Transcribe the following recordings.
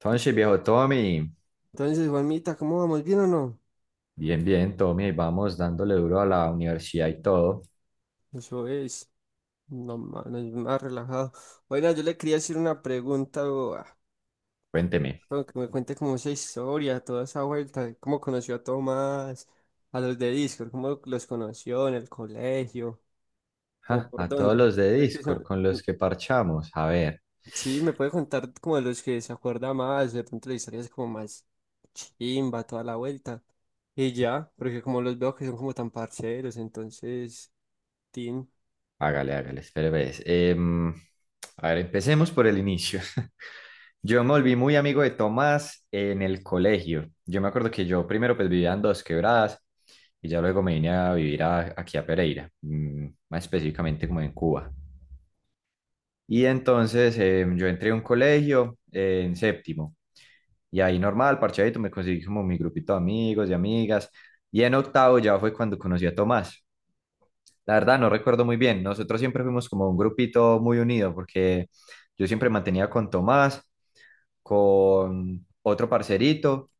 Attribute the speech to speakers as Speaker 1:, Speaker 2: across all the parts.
Speaker 1: Entonces, viejo Tommy,
Speaker 2: Entonces, Juanmita, ¿cómo vamos? ¿Bien o no?
Speaker 1: bien, bien, Tommy, vamos dándole duro a la universidad y todo.
Speaker 2: Eso es, no, no, yo más relajado. Bueno, yo le quería hacer una pregunta, o,
Speaker 1: Cuénteme,
Speaker 2: como que me cuente como esa historia, toda esa vuelta, de cómo conoció a Tomás, a los de Discord, cómo los conoció en el colegio, como
Speaker 1: ja,
Speaker 2: por
Speaker 1: a todos
Speaker 2: dónde.
Speaker 1: los de
Speaker 2: Es que
Speaker 1: Discord
Speaker 2: son-
Speaker 1: con los que parchamos. A ver,
Speaker 2: Sí, me puede contar como de los que se acuerda más, de pronto la historia es como más chimba, toda la vuelta. Y ya, porque como los veo que son como tan parceros, entonces, tin.
Speaker 1: hágale, hágale, espere, ves. A ver, empecemos por el inicio. Yo me volví muy amigo de Tomás en el colegio. Yo me acuerdo que yo primero pues vivía en Dos Quebradas y ya luego me vine a aquí a Pereira, mm, más específicamente como en Cuba. Y entonces yo entré a un colegio en séptimo. Y ahí normal, parchadito, me conseguí como mi grupito de amigos y amigas. Y en octavo ya fue cuando conocí a Tomás. La verdad no recuerdo muy bien. Nosotros siempre fuimos como un grupito muy unido porque yo siempre mantenía con Tomás, con otro parcerito,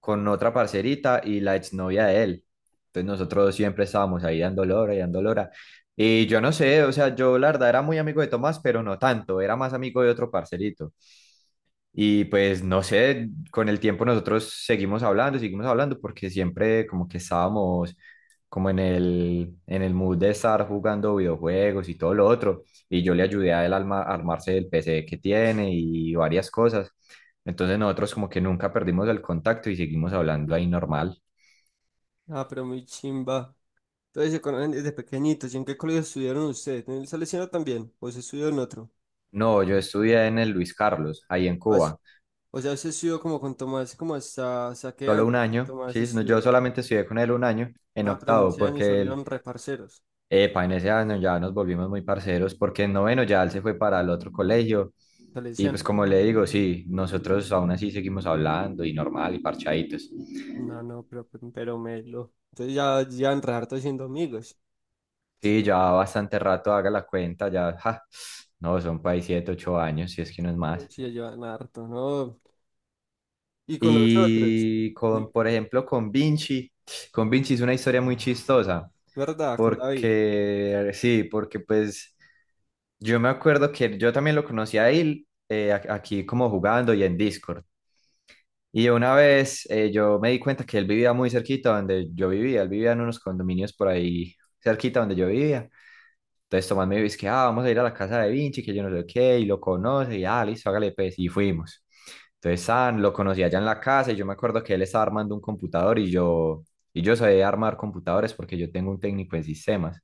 Speaker 1: con otra parcerita y la exnovia de él. Entonces nosotros siempre estábamos ahí dando lora. Y yo no sé, o sea, yo la verdad era muy amigo de Tomás, pero no tanto, era más amigo de otro parcerito. Y pues no sé, con el tiempo nosotros seguimos hablando, porque siempre como que estábamos como en el mood de estar jugando videojuegos y todo lo otro. Y yo le ayudé a él a a armarse el PC que tiene y varias cosas. Entonces nosotros como que nunca perdimos el contacto y seguimos hablando ahí normal.
Speaker 2: Ah, pero muy chimba. Entonces se conocen desde pequeñitos. ¿Y en qué colegio estudiaron ustedes? ¿En el Salesiano también? ¿O se estudió en otro?
Speaker 1: No, yo estudié en el Luis Carlos, ahí en
Speaker 2: Ah, sí.
Speaker 1: Cuba,
Speaker 2: O sea, se estudió como con Tomás, como hasta, ¿hasta qué
Speaker 1: solo
Speaker 2: año?
Speaker 1: un año,
Speaker 2: Tomás
Speaker 1: sí, no, yo
Speaker 2: estudió.
Speaker 1: solamente estudié con él un año en
Speaker 2: Ah, pero en
Speaker 1: octavo,
Speaker 2: ese año se
Speaker 1: porque
Speaker 2: volvieron reparceros.
Speaker 1: epa, en ese año ya nos volvimos muy parceros porque en noveno ya él se fue para el otro colegio y
Speaker 2: Salesiano.
Speaker 1: pues como le digo, sí, nosotros aún así seguimos hablando y normal y parchaditos.
Speaker 2: No, no, pero melo. Entonces ya llevan re harto siendo amigos.
Speaker 1: Sí, ya bastante rato haga la cuenta, ya, ja, no, son por ahí siete, ocho años, si es que no es más.
Speaker 2: Sí, ya llevan harto, ¿no? Y con los otros.
Speaker 1: Y con,
Speaker 2: Di-
Speaker 1: por ejemplo, con Vinci es una historia muy chistosa
Speaker 2: ¿Verdad? Con David.
Speaker 1: porque, sí, porque pues yo me acuerdo que yo también lo conocí a él aquí como jugando y en Discord. Y una vez yo me di cuenta que él vivía muy cerquita donde yo vivía, él vivía en unos condominios por ahí cerquita donde yo vivía. Entonces Tomás me dice que ah, vamos a ir a la casa de Vinci, que yo no sé qué, y lo conoce, y ah, listo, hágale pues, y fuimos. Entonces San lo conocí allá en la casa y yo me acuerdo que él estaba armando un computador y yo sabía armar computadores porque yo tengo un técnico en sistemas.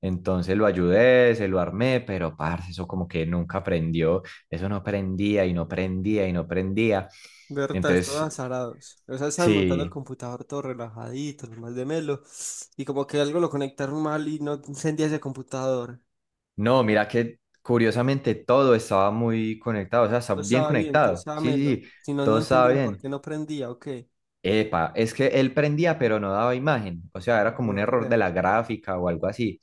Speaker 1: Entonces lo ayudé, se lo armé, pero parce, eso como que nunca aprendió, eso no prendía y no prendía y no prendía.
Speaker 2: Verdad, todos
Speaker 1: Entonces
Speaker 2: azarados. O sea, estaban montando el
Speaker 1: sí,
Speaker 2: computador todo relajadito, lo más de melo. Y como que algo lo conectaron mal y no encendía ese computador.
Speaker 1: no, mira que curiosamente todo estaba muy conectado, o sea, está
Speaker 2: Todo
Speaker 1: bien
Speaker 2: estaba bien, todo
Speaker 1: conectado.
Speaker 2: estaba
Speaker 1: Sí,
Speaker 2: melo.
Speaker 1: sí, sí,
Speaker 2: Si no, no
Speaker 1: todo estaba
Speaker 2: entendían por
Speaker 1: bien.
Speaker 2: qué no prendía o qué.
Speaker 1: Epa, es que él prendía, pero no daba imagen, o sea,
Speaker 2: Ah,
Speaker 1: era como un error de
Speaker 2: gonorrea.
Speaker 1: la gráfica o algo así.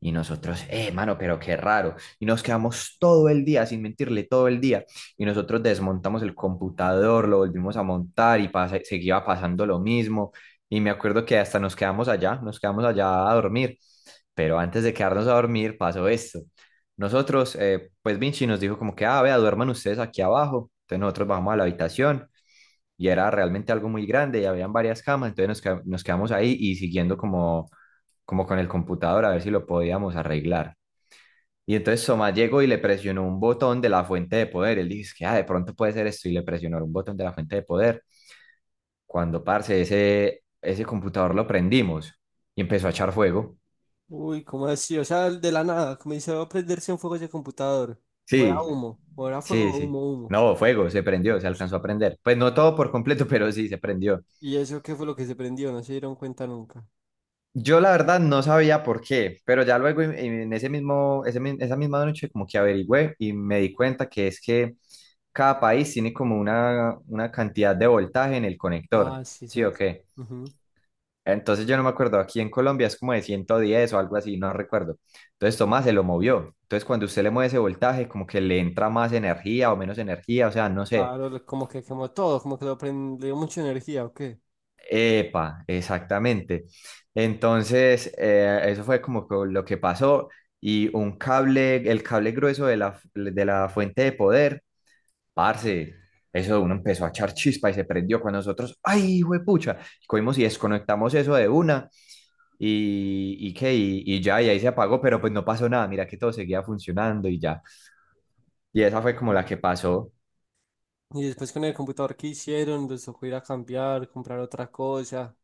Speaker 1: Y nosotros, mano, pero qué raro. Y nos quedamos todo el día, sin mentirle, todo el día. Y nosotros desmontamos el computador, lo volvimos a montar y seguía pasando lo mismo. Y me acuerdo que hasta nos quedamos allá a dormir. Pero antes de quedarnos a dormir pasó esto. Nosotros, pues Vinci nos dijo como que, ah, vea, duerman ustedes aquí abajo. Entonces nosotros bajamos a la habitación y era realmente algo muy grande y habían varias camas. Entonces nos quedamos ahí y siguiendo como con el computador a ver si lo podíamos arreglar. Y entonces Soma llegó y le presionó un botón de la fuente de poder. Él dice que ah, de pronto puede ser esto y le presionó un botón de la fuente de poder. Cuando, parce, ese computador lo prendimos y empezó a echar fuego.
Speaker 2: Uy, ¿cómo así? O sea, de la nada, como dice, va a prenderse un fuego ese computador. O era
Speaker 1: Sí,
Speaker 2: humo, o era
Speaker 1: sí,
Speaker 2: fuego,
Speaker 1: sí.
Speaker 2: humo, humo.
Speaker 1: No, fuego, se prendió, se alcanzó a prender. Pues no todo por completo, pero sí, se prendió.
Speaker 2: ¿Y eso qué fue lo que se prendió? No se dieron cuenta nunca.
Speaker 1: Yo la verdad no sabía por qué, pero ya luego en ese mismo, esa misma noche como que averigüé y me di cuenta que es que cada país tiene como una cantidad de voltaje en el conector,
Speaker 2: Ah, sí,
Speaker 1: ¿sí o
Speaker 2: sabes.
Speaker 1: qué?
Speaker 2: Ujú.
Speaker 1: Entonces yo no me acuerdo, aquí en Colombia es como de 110 o algo así, no recuerdo. Entonces Tomás se lo movió. Entonces cuando usted le mueve ese voltaje como que le entra más energía o menos energía, o sea, no sé.
Speaker 2: Claro, como que quemó todo, como que lo prendió mucha energía o qué.
Speaker 1: Epa, exactamente. Entonces, eso fue como lo que pasó y un cable, el cable grueso de la, de la fuente de poder, parce, eso uno empezó a echar chispa y se prendió con nosotros. ¡Ay, pucha! Cogimos y desconectamos eso de una y qué, y ya, y ahí se apagó, pero pues no pasó nada, mira que todo seguía funcionando y ya. Y esa fue como la que pasó.
Speaker 2: Y después con el computador que hicieron, les tocó ir a cambiar, comprar otra cosa,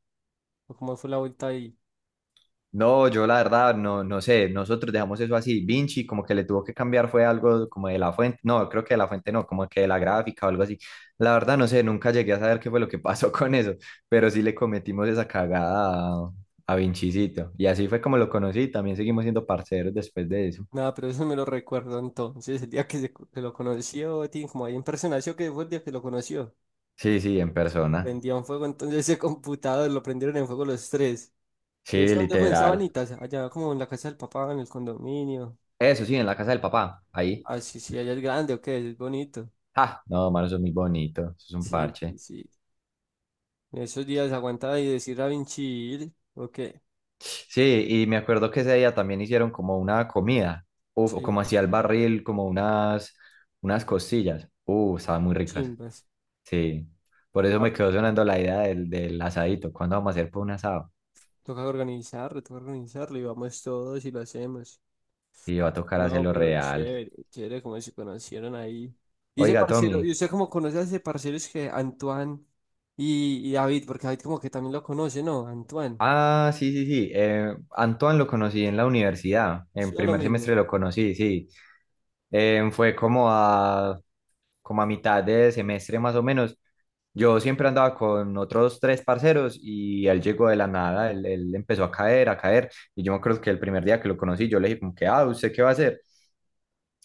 Speaker 2: o cómo fue la vuelta ahí.
Speaker 1: No, yo la verdad no, no sé, nosotros dejamos eso así. Vinci como que le tuvo que cambiar fue algo como de la fuente, no, creo que de la fuente no, como que de la gráfica o algo así. La verdad no sé, nunca llegué a saber qué fue lo que pasó con eso, pero sí le cometimos esa cagada a Vincicito. Y así fue como lo conocí, también seguimos siendo parceros después de eso.
Speaker 2: Nada, pero eso me lo recuerdo entonces, el día que, que lo conoció, tiene como ahí en persona, ¿sí o qué fue el día que lo conoció?
Speaker 1: Sí, sí, en persona.
Speaker 2: Prendían fuego entonces ese computador, lo prendieron en fuego los tres. ¿Y
Speaker 1: Sí,
Speaker 2: eso dónde fue? En
Speaker 1: literal.
Speaker 2: Sabanitas, allá como en la casa del papá, en el condominio.
Speaker 1: Eso sí, en la casa del papá, ahí.
Speaker 2: Ah, sí, sí, allá es grande, ok, es bonito.
Speaker 1: Ah, no, mano, eso es muy bonito, eso es un
Speaker 2: Sí,
Speaker 1: parche.
Speaker 2: sí, sí. En esos días aguantaba y decir a Vinci, ¿o qué?
Speaker 1: Sí, y me acuerdo que ese día también hicieron como una comida, uf, o
Speaker 2: Sí,
Speaker 1: como hacía el barril, como unas costillas. Estaban muy ricas.
Speaker 2: chimbas.
Speaker 1: Sí, por eso
Speaker 2: Ah,
Speaker 1: me quedó sonando la idea del asadito. ¿Cuándo vamos a hacer por un asado?
Speaker 2: toca organizarlo, toca organizarlo y vamos todos y lo hacemos.
Speaker 1: Sí, va a tocar
Speaker 2: No,
Speaker 1: hacerlo
Speaker 2: pero
Speaker 1: real.
Speaker 2: chévere, chévere como se conocieron ahí. Y ese
Speaker 1: Oiga,
Speaker 2: parcero, ¿y
Speaker 1: Tommy.
Speaker 2: usted cómo conoce a ese parcero? Es que Antoine y David, porque David como que también lo conoce, ¿no? Antoine,
Speaker 1: Ah, sí, sí, sí. Antoine lo conocí en la universidad. En
Speaker 2: sí, lo
Speaker 1: primer
Speaker 2: mismo.
Speaker 1: semestre lo conocí, sí. Fue como a mitad de semestre más o menos. Yo siempre andaba con otros tres parceros y él llegó de la nada, él empezó a caer, a caer. Y yo me acuerdo que el primer día que lo conocí, yo le dije como que, ah, ¿usted qué va a hacer?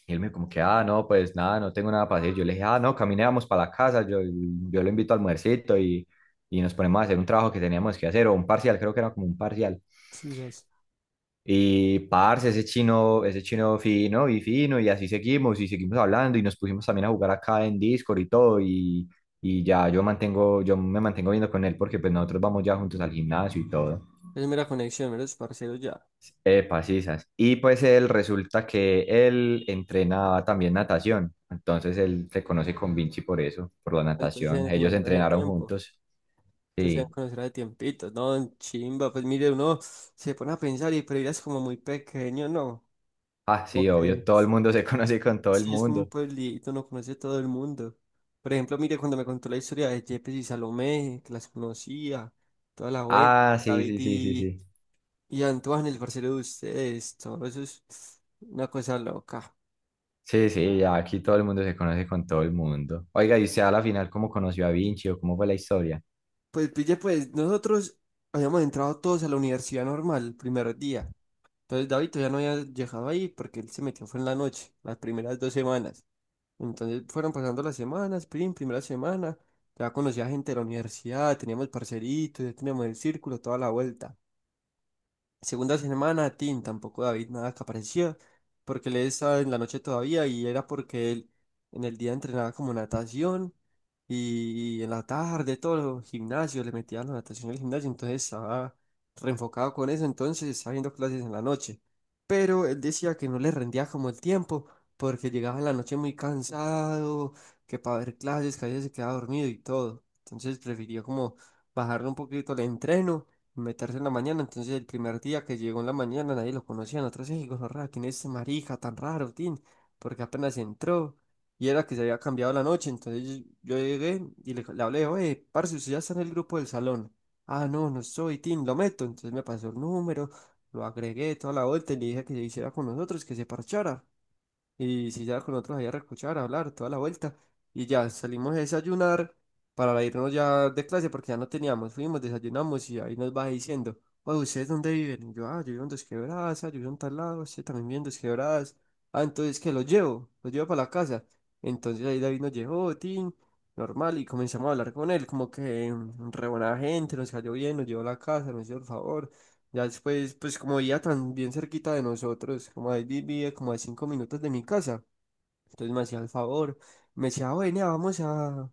Speaker 1: Y él me dijo como que, ah, no, pues nada, no tengo nada para hacer. Yo le dije, ah, no, caminábamos para la casa, yo lo invito a almuercito y nos ponemos a hacer un trabajo que teníamos que hacer, o un parcial, creo que era como un parcial.
Speaker 2: Sí, sos.
Speaker 1: Y parce, ese chino fino y fino, y así seguimos, y seguimos hablando, y nos pusimos también a jugar acá en Discord y todo, y ya yo mantengo, yo me mantengo viendo con él porque pues nosotros vamos ya juntos al gimnasio y todo.
Speaker 2: Es mera conexión, meros parceros ya.
Speaker 1: Epa, sisas. Y pues él resulta que él entrenaba también natación, entonces él se conoce con Vinci por eso, por la
Speaker 2: Entonces se
Speaker 1: natación.
Speaker 2: deben
Speaker 1: Ellos
Speaker 2: conocer hace
Speaker 1: entrenaron
Speaker 2: tiempo.
Speaker 1: juntos.
Speaker 2: Entonces se deben
Speaker 1: Sí.
Speaker 2: conocer hace tiempito, ¿no? Chimba, pues mire, uno se pone a pensar y pero ella es como muy pequeño, ¿no?
Speaker 1: Ah, sí,
Speaker 2: Ok.
Speaker 1: obvio, todo el mundo se conoce con todo el
Speaker 2: Sí, es como un
Speaker 1: mundo.
Speaker 2: pueblito, no conoce todo el mundo. Por ejemplo, mire, cuando me contó la historia de Yepes y Salomé, que las conocía, toda la vuelta,
Speaker 1: Ah, sí,
Speaker 2: David
Speaker 1: sí, sí, sí, sí.
Speaker 2: y Antoine, el parcero de ustedes, todo eso es una cosa loca.
Speaker 1: Sí, sí, ya aquí todo el mundo se conoce con todo el mundo. Oiga, ¿y usted a la final cómo conoció a Vinci o cómo fue la historia?
Speaker 2: Pues pille, pues nosotros habíamos entrado todos a la universidad normal el primer día. Entonces David todavía no había llegado ahí porque él se metió fue en la noche, las primeras 2 semanas. Entonces fueron pasando las semanas, primera semana, ya conocía gente de la universidad, teníamos parceritos, ya teníamos el círculo, toda la vuelta. Segunda semana, Tim, tampoco David nada que aparecía, porque él estaba en la noche todavía y era porque él en el día entrenaba como natación y, en la tarde todos los gimnasios le metían la natación en el gimnasio, entonces estaba reenfocado con eso, entonces estaba viendo clases en la noche. Pero él decía que no le rendía como el tiempo, porque llegaba en la noche muy cansado, que para ver clases, que a veces se quedaba dormido y todo. Entonces prefirió como bajarle un poquito el entreno meterse en la mañana. Entonces, el primer día que llegó en la mañana, nadie lo conocía. Nosotros, "Ey, gonorrea, ¿quién es ese marica tan raro, tin? Porque apenas entró y era que se había cambiado la noche. Entonces, yo llegué y le hablé, oye, parce, usted ya está en el grupo del salón. Ah, no, no soy, tin, lo meto. Entonces, me pasó el número, lo agregué toda la vuelta y le dije que se hiciera con nosotros, que se parchara. Y si ya con nosotros allá a recochar, a hablar, toda la vuelta. Y ya salimos a desayunar para irnos ya de clase porque ya no teníamos. Fuimos, desayunamos y ahí nos va diciendo, oye, ¿ustedes dónde viven? Y yo, ah, yo vivo en Dos Quebradas, ah, yo vivo en tal lado, usted también vive en Dos Quebradas. Ah, entonces que los llevo para la casa. Entonces ahí David nos llevó, tin, normal, y comenzamos a hablar con él, como que mm, re buena gente, nos cayó bien, nos llevó a la casa, nos hizo el favor. Ya después, pues como vivía tan bien cerquita de nosotros, como ahí vivía como a 5 minutos de mi casa, entonces me hacía el favor, me decía, bueno,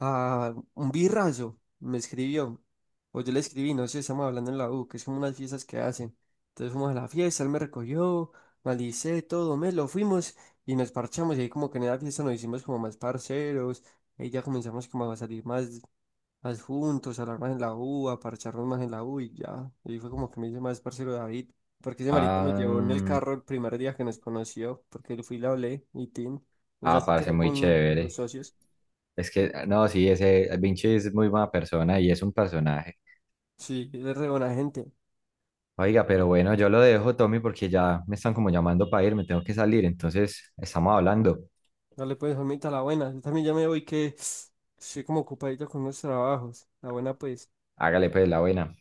Speaker 2: a un birrazo, me escribió, o yo le escribí, no sé, estamos hablando en la U, que es como unas fiestas que hacen, entonces fuimos a la fiesta, él me recogió, me alicé, todo, me lo fuimos y nos parchamos, y ahí como que en la fiesta nos hicimos como más parceros, ahí ya comenzamos como a salir más, adjuntos, hablar más en la U, a parcharnos más en la U y ya. Y fue como que me hice más parcero de David, porque ese marica nos llevó en el
Speaker 1: Ah,
Speaker 2: carro el primer día que nos conoció, porque yo fui y le hablé y tin, ya
Speaker 1: ah,
Speaker 2: se
Speaker 1: parece
Speaker 2: quedó
Speaker 1: muy
Speaker 2: con los
Speaker 1: chévere.
Speaker 2: socios.
Speaker 1: Es que, no, sí, ese Vinci es muy buena persona y es un personaje.
Speaker 2: Sí, él es re buena gente.
Speaker 1: Oiga, pero bueno, yo lo dejo, Tommy, porque ya me están como llamando para ir, me tengo que salir, entonces estamos hablando.
Speaker 2: Dale pues, Juanmita, la buena. Yo también ya me voy que estoy como ocupadito con los trabajos. La buena pues.
Speaker 1: Hágale pues la buena.